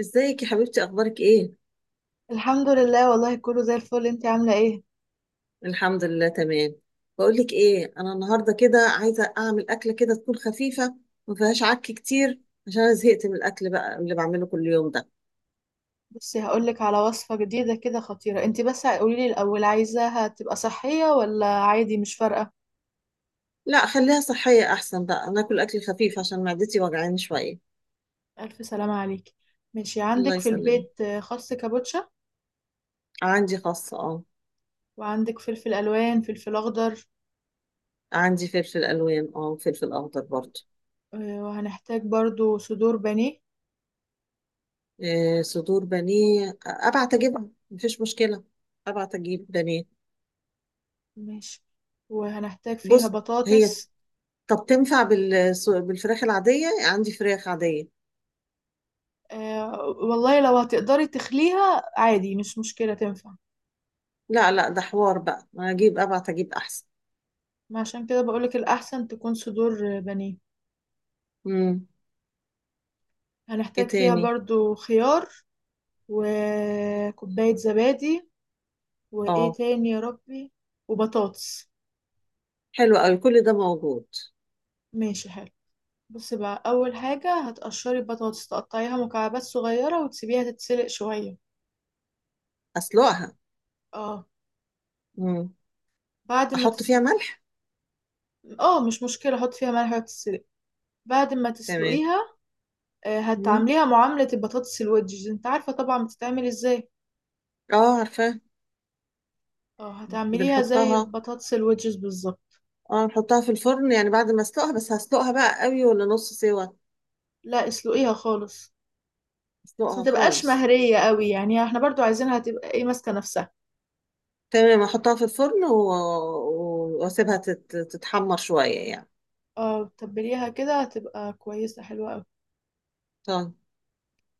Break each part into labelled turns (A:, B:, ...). A: ازيك يا حبيبتي؟ اخبارك ايه؟
B: الحمد لله، والله كله زي الفل. انت عاملة ايه؟
A: الحمد لله، تمام. بقول لك ايه، انا النهارده كده عايزه اعمل اكله كده تكون خفيفه، ما فيهاش عك كتير، عشان انا زهقت من الاكل بقى اللي بعمله كل يوم ده.
B: بصي هقولك على وصفة جديدة كده خطيرة. انت بس قوليلي الأول، عايزاها تبقى صحية ولا عادي مش فارقة؟
A: لا، خليها صحيه احسن بقى، انا اكل اكل خفيف عشان معدتي وجعاني شويه.
B: ألف سلامة عليكي. ماشي،
A: الله
B: عندك في
A: يسلمك.
B: البيت خس كابوتشا؟
A: عندي خاصه، اه.
B: وعندك فلفل ألوان، فلفل أخضر؟
A: عندي فلفل الوان، وفلفل اخضر برضه.
B: وهنحتاج برضو صدور بانيه.
A: إيه؟ صدور بانيه؟ ابعت اجيبها، مفيش مشكله. ابعت اجيب بانيه.
B: ماشي. وهنحتاج فيها
A: بص. هي...
B: بطاطس.
A: طب تنفع بالفراخ العادية؟ عندي فراخ عادية.
B: والله لو هتقدري تخليها عادي مش مشكلة، تنفع.
A: لا، لا، ده حوار بقى، هجيب، ابعت اجيب احسن.
B: ما عشان كده بقولك الأحسن تكون صدور بانيه.
A: امم. ايه
B: هنحتاج فيها
A: تاني؟
B: برضو خيار، وكوباية زبادي، وإيه
A: اه،
B: تاني يا ربي، وبطاطس.
A: حلو قوي. كل ده موجود.
B: ماشي حلو. بصي بقى، أول حاجة هتقشري البطاطس، تقطعيها مكعبات صغيرة وتسيبيها تتسلق شوية.
A: اسلقها؟
B: اه
A: امم.
B: بعد ما
A: احط فيها
B: تسلق.
A: ملح؟
B: اه مش مشكلة، حط فيها ملح وتتسلق. بعد ما
A: تمام.
B: تسلقيها
A: امم.
B: هتعمليها معاملة البطاطس الويدجز، انت عارفة طبعا بتتعمل ازاي.
A: اه، عارفاه.
B: اه هتعمليها زي
A: بنحطها.
B: البطاطس الويدجز بالظبط.
A: اه، نحطها في الفرن يعني بعد ما اسلقها؟ بس هسلقها بقى قوي ولا نص سوا؟
B: لا اسلقيها خالص، بس ما
A: اسلقها
B: تبقاش
A: خالص؟
B: مهرية قوي، يعني احنا برضو عايزينها تبقى ايه، ماسكة نفسها.
A: تمام، احطها في الفرن واسيبها تتحمر شوية يعني.
B: اه تبليها كده هتبقى كويسة حلوة قوي.
A: طيب.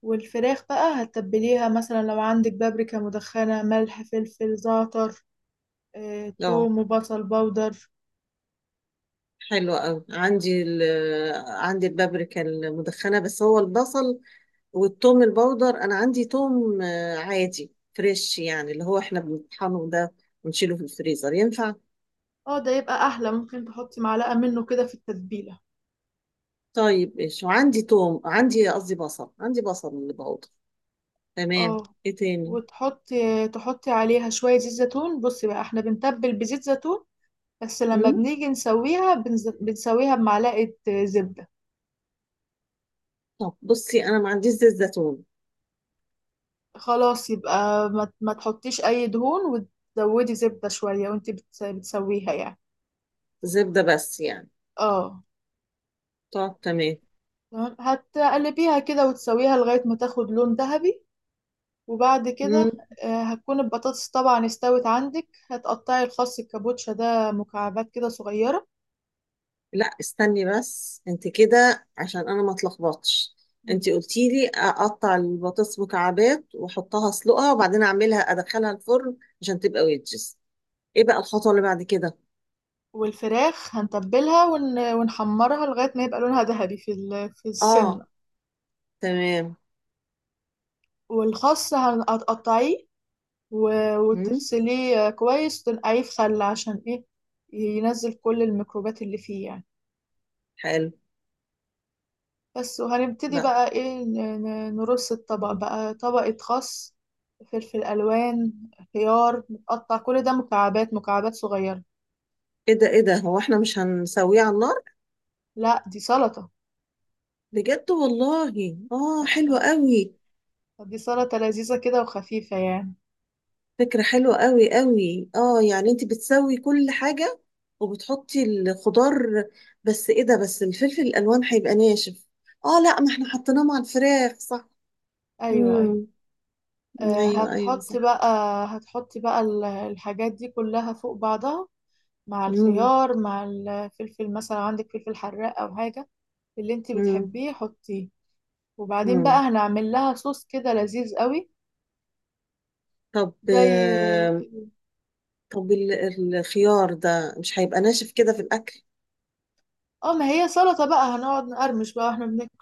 B: والفراخ بقى هتتبليها مثلا لو عندك بابريكا مدخنة، ملح، فلفل، زعتر، اه،
A: اه،
B: توم وبصل بودر.
A: حلو قوي. عندي البابريكا المدخنة، بس هو البصل والثوم البودر أنا عندي ثوم، عادي، فريش يعني اللي هو احنا بنطحنه ده ونشيله في الفريزر، ينفع؟
B: اه ده يبقى احلى، ممكن تحطي معلقة منه كده في التتبيلة.
A: طيب، ايش؟ وعندي ثوم، عندي، قصدي بصل، عندي بصل بودر. تمام.
B: اه،
A: ايه تاني؟
B: وتحطي عليها شوية زيت زيتون. بصي بقى احنا بنتبل بزيت زيتون، بس لما
A: مم؟
B: بنيجي نسويها بنسويها بمعلقة زبدة.
A: طب بصي، أنا ما عنديش زيت زيتون.
B: خلاص يبقى ما تحطيش اي دهون، وتزودي زبدة شوية وانت بتسويها يعني.
A: زبدة بس يعني؟
B: اه
A: طب، تمام.
B: تمام. هتقلبيها كده وتسويها لغاية ما تاخد لون ذهبي، وبعد كده هتكون البطاطس طبعا استوت عندك. هتقطعي الخس الكابوتشا ده مكعبات كده صغيرة.
A: لا، استني بس انت كده عشان انا ما اتلخبطش. انت قلتي لي اقطع البطاطس مكعبات واحطها، اسلقها، وبعدين اعملها ادخلها الفرن عشان تبقى ويدجز. ايه بقى الخطوه اللي بعد كده؟
B: والفراخ ونحمرها لغاية ما يبقى لونها ذهبي في في السمنة.
A: اه. تمام.
B: والخس هتقطعيه
A: مم.
B: وتغسليه كويس وتنقعيه في خل، عشان ايه، ينزل كل الميكروبات اللي فيه يعني.
A: حلو
B: بس، وهنبتدي
A: بقى.
B: بقى ايه، نرص الطبق
A: مم.
B: بقى. طبقة خس، فلفل ألوان، خيار متقطع، كل ده مكعبات مكعبات صغيرة.
A: ايه ده، ايه ده؟ هو احنا مش هنسويه على النار؟
B: لا دي سلطة.
A: بجد والله؟ اه، حلو قوي.
B: دي سلطة لذيذة كده وخفيفة يعني.
A: فكرة حلوة قوي قوي، يعني انت بتسوي كل حاجة وبتحطي الخضار. بس ايه ده؟ بس الفلفل الالوان هيبقى ناشف. اه لا، ما احنا حطيناه مع الفراخ، صح؟
B: أيوة أيوة.
A: امم.
B: آه،
A: ايوه، ايوه،
B: هتحط
A: صح.
B: بقى هتحط بقى الحاجات دي كلها فوق بعضها، مع
A: امم.
B: الخيار، مع الفلفل. مثلا عندك فلفل حراق أو حاجة اللي انت
A: امم.
B: بتحبيه، حطيه. وبعدين بقى
A: امم.
B: هنعمل لها صوص كده لذيذ قوي
A: طب،
B: زي،
A: طب ال- الخيار ده مش هيبقى ناشف كده في الاكل؟
B: اه ما هي سلطة بقى، هنقعد نقرمش بقى واحنا بناكل.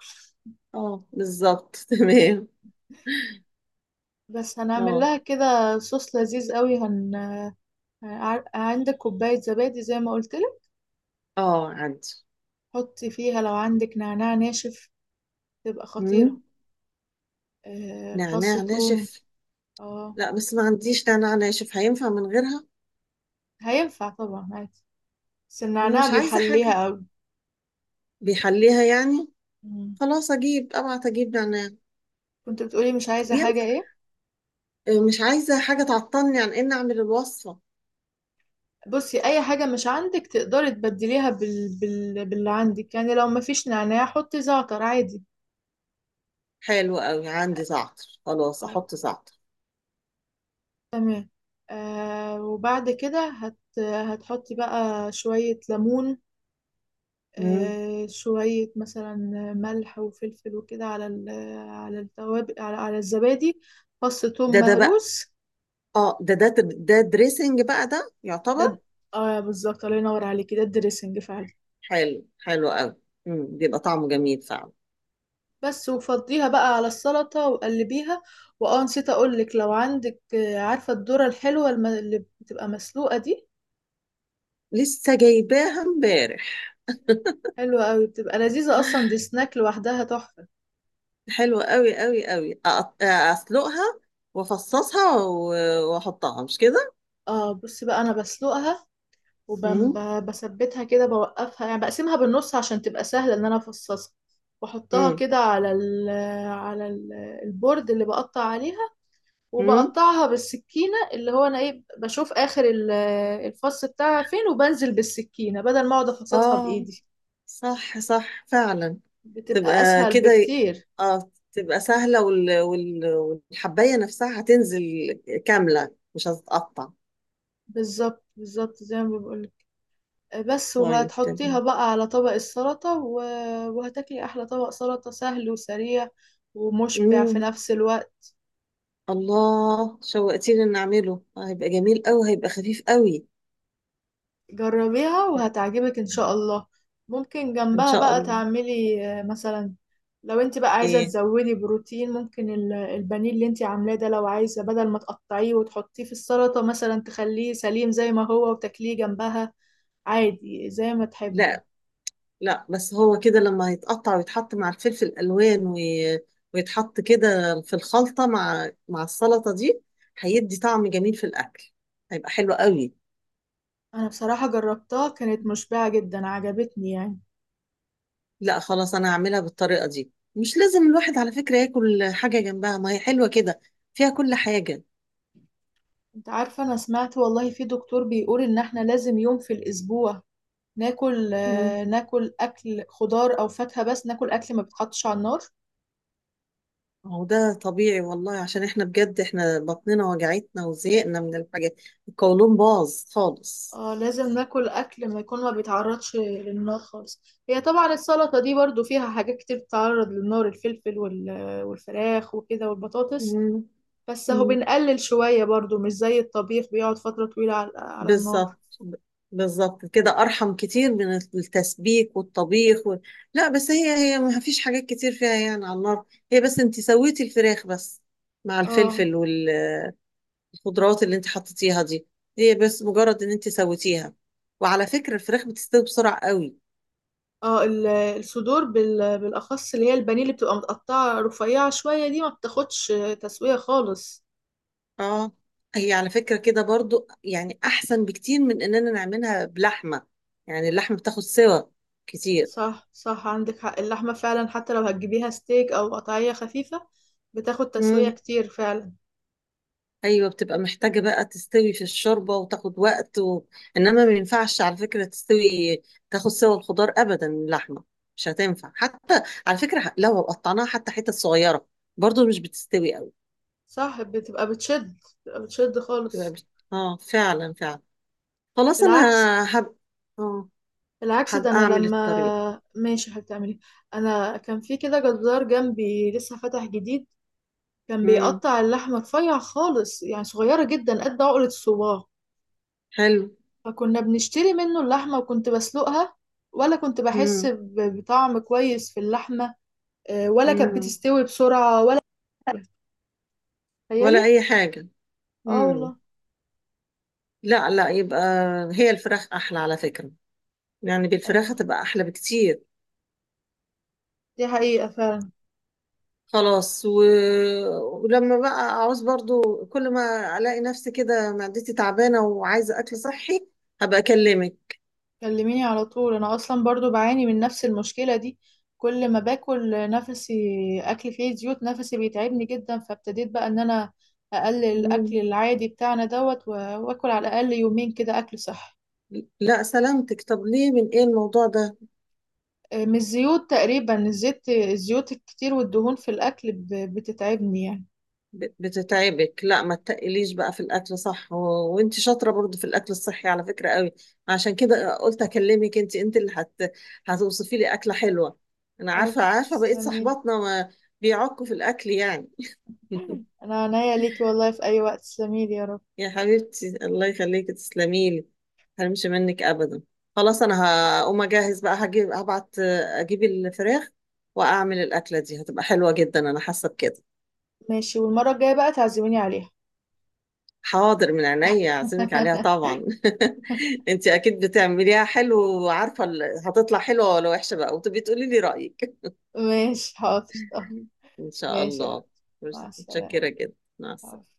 A: اه، بالظبط. تمام.
B: بس هنعمل
A: اه،
B: لها كده صوص لذيذ قوي. عندك كوباية زبادي زي ما قلت لك،
A: اه، عندي.
B: حطي فيها لو عندك نعناع ناشف تبقى خطيرة،
A: امم.
B: فص
A: نعناع
B: ثوم.
A: ناشف؟
B: اه
A: لا، بس ما عنديش نعناع ناشف، هينفع من غيرها؟
B: هينفع طبعا عادي، بس
A: انا
B: النعناع
A: مش عايزه حاجه.
B: بيحليها قوي.
A: بيحليها يعني؟
B: مم.
A: خلاص، ابعت اجيب نعناع.
B: كنت بتقولي مش
A: طب
B: عايزة حاجة،
A: ينفع؟
B: ايه؟
A: مش عايزه حاجه تعطلني عن ان اعمل الوصفه.
B: بصي، اي حاجه مش عندك تقدري تبدليها باللي عندك، يعني لو ما فيش نعناع حطي زعتر عادي.
A: حلو قوي، عندي زعتر، خلاص
B: اه
A: احط زعتر.
B: تمام. آه وبعد كده هتحطي بقى شويه ليمون،
A: مم.
B: آه شويه مثلا ملح وفلفل وكده على على التوابل، على الزبادي، فص ثوم
A: ده بقى،
B: مهروس.
A: اه ده دريسنج بقى، ده
B: ده
A: يعتبر.
B: د- اه بالظبط، الله ينور عليكي، ده الدريسنج فعلا.
A: حلو، حلو قوي. مم. بيبقى طعمه جميل فعلا.
B: بس وفضيها بقى على السلطة وقلبيها. واه نسيت اقولك، لو عندك عارفة الذرة الحلوة اللي بتبقى مسلوقة دي،
A: لسه جايباها امبارح.
B: حلوة قوي، بتبقى لذيذة، اصلا دي سناك لوحدها تحفة.
A: حلوه قوي قوي قوي، اسلقها وافصصها و- واحطها، مش كده؟
B: اه بصي بقى، انا بسلقها
A: امم.
B: وبثبتها كده، بوقفها يعني، بقسمها بالنص عشان تبقى سهلة ان انا افصصها، واحطها
A: امم.
B: كده على على ال- البورد اللي بقطع عليها،
A: امم.
B: وبقطعها بالسكينة. اللي هو أنا إيه، بشوف آخر الفص بتاعها فين، وبنزل بالسكينة بدل ما أقعد أفصصها
A: اه،
B: بإيدي.
A: صح، صح، فعلا.
B: بتبقى
A: تبقى
B: أسهل
A: كده.
B: بكتير،
A: اه، تبقى سهلة، والحباية نفسها هتنزل كاملة، مش هتتقطع.
B: بالظبط بالظبط زي ما بقولك. بس
A: طيب،
B: وهتحطيها
A: تمام.
B: بقى على طبق السلطة وهتاكلي أحلى طبق سلطة، سهل وسريع ومشبع في
A: امم.
B: نفس الوقت.
A: الله، شوقتيني ان اعمله. هيبقى جميل قوي، هيبقى خفيف قوي.
B: جربيها وهتعجبك ان شاء الله. ممكن
A: ان
B: جنبها
A: شاء
B: بقى
A: الله.
B: تعملي مثلا لو انت بقى عايزة
A: ايه؟
B: تزودي بروتين، ممكن البانيه اللي انت عاملاه ده، لو عايزة بدل ما تقطعيه وتحطيه في السلطة، مثلا تخليه سليم زي ما هو وتاكليه جنبها عادي، زي ما تحبي.
A: لا، لا، بس هو كده لما هيتقطع ويتحط مع الفلفل الالوان ويتحط كده في الخلطة مع السلطة دي، هيدي طعم جميل في الاكل. هيبقى حلو قوي.
B: انا بصراحة جربتها، كانت مشبعة جدا، عجبتني يعني.
A: لا، خلاص، انا هعملها بالطريقه دي، مش لازم الواحد على فكره ياكل حاجه جنبها، ما هي حلوه كده. فيها كل حاجه.
B: انت عارفة انا سمعت والله في دكتور بيقول ان احنا لازم يوم في الاسبوع ناكل،
A: مم.
B: ناكل اكل خضار او فاكهة، بس ناكل اكل ما بيتحطش على النار.
A: هو ده طبيعي والله، عشان احنا بجد احنا بطننا وجعتنا وزهقنا من الحاجات. القولون باظ خالص.
B: اه لازم ناكل اكل ما يكون ما بيتعرضش للنار خالص. هي طبعا السلطه دي برضو فيها حاجات كتير بتتعرض للنار، الفلفل والفراخ وكده والبطاطس،
A: مم.
B: بس اهو
A: مم.
B: بنقلل شويه برضو، مش زي الطبيخ بيقعد فتره طويله على النار.
A: بالظبط ب- بالظبط كده ارحم كتير من التسبيك والطبيخ لا، بس هي ما فيش حاجات كتير فيها يعني على النار. هي بس انت سويتي الفراخ بس مع
B: اه.
A: الفلفل. الخضروات اللي انت حطيتيها دي، هي بس مجرد ان انت سويتيها. وعلى فكرة الفراخ بتستوي بسرعة قوي.
B: اه الصدور بالاخص اللي هي البانيه، اللي بتبقى متقطعه رفيعه شويه دي، ما بتاخدش تسويه خالص.
A: اه، هي على فكرة كده برضو يعني احسن بكتير من اننا نعملها بلحمة. يعني اللحمة بتاخد سوا كتير.
B: صح صح، عندك حق، اللحمه فعلا حتى لو هتجيبيها ستيك او قطعيه خفيفه بتاخد تسويه
A: امم.
B: كتير فعلا.
A: ايوه، بتبقى محتاجة بقى تستوي في الشوربة وتاخد وقت انما ما ينفعش على فكرة تستوي، تاخد سوا الخضار ابدا من اللحمة. مش هتنفع حتى على فكرة لو قطعناها حتى حتت صغيرة، برضو مش بتستوي قوي.
B: صح بتبقى بتشد، بتبقى بتشد
A: تبقى
B: خالص.
A: بت- اه، فعلا، فعلا. خلاص انا...
B: بالعكس،
A: هب اه،
B: بالعكس ده
A: هبقى
B: انا
A: اعمل الطريق.
B: لما ماشي هتعملي. انا كان في كده جزار جنبي لسه فتح جديد، كان
A: امم.
B: بيقطع اللحمه رفيع خالص يعني صغيره جدا قد عقله الصباع،
A: حلو.
B: فكنا بنشتري منه اللحمه وكنت بسلقها، ولا كنت بحس
A: امم.
B: بطعم كويس في اللحمه، ولا كانت
A: امم.
B: بتستوي بسرعه ولا.
A: ولا
B: تخيلي.
A: اي حاجه.
B: اه والله.
A: امم. لا، لا يبقى، هي الفراخ احلى على فكره. يعني بالفراخ
B: ايوه
A: هتبقى احلى بكتير.
B: دي حقيقه فعلا.
A: خلاص، ولما بقى اعوز برضو، كل ما الاقي نفسي كده معدتي تعبانه وعايزه اكل صحي، هبقى اكلمك.
B: كلميني على طول، انا اصلا برضو بعاني من نفس المشكله دي. كل ما باكل نفسي اكل فيه زيوت نفسي بيتعبني جدا، فابتديت بقى ان انا اقلل الاكل
A: مم.
B: العادي بتاعنا دوت واكل على الاقل يومين كده اكل صحي.
A: لا، سلامتك، طب ليه؟ من ايه الموضوع ده؟
B: من الزيوت تقريبا، الزيت الزيوت الكتير والدهون في الاكل بتتعبني يعني.
A: بتتعبك؟ لا، ما تتقليش بقى في الاكل، صح، وانت شاطره برضو في الاكل الصحي على فكره قوي. عشان كده قلت اكلمك، انت اللي هتوصفي لي اكله حلوه. انا عارفه،
B: حبيبتي
A: عارفه بقيت
B: تسلميلي.
A: صحباتنا ما بيعكوا في الاكل يعني.
B: انا عنيا ليكي والله في اي وقت، تسلميلي يا رب.
A: يا حبيبتي، الله يخليكي، تسلمي لي. هرمش منك ابدا. خلاص، انا هقوم اجهز بقى، هبعت اجيب الفراخ واعمل الاكله دي، هتبقى حلوه جدا، انا حاسه بكده.
B: ماشي، والمره الجايه بقى تعزميني عليها.
A: حاضر، من عينيا، اعزمك عليها طبعا. انت اكيد بتعمليها حلو، وعارفه هتطلع حلوه ولا وحشه بقى، وتبقي تقولي لي رايك.
B: ماشي حاضر.
A: ان شاء
B: ماشي يا
A: الله.
B: حبيبي، مع
A: متشكره
B: السلامة.
A: جدا. مع السلامه.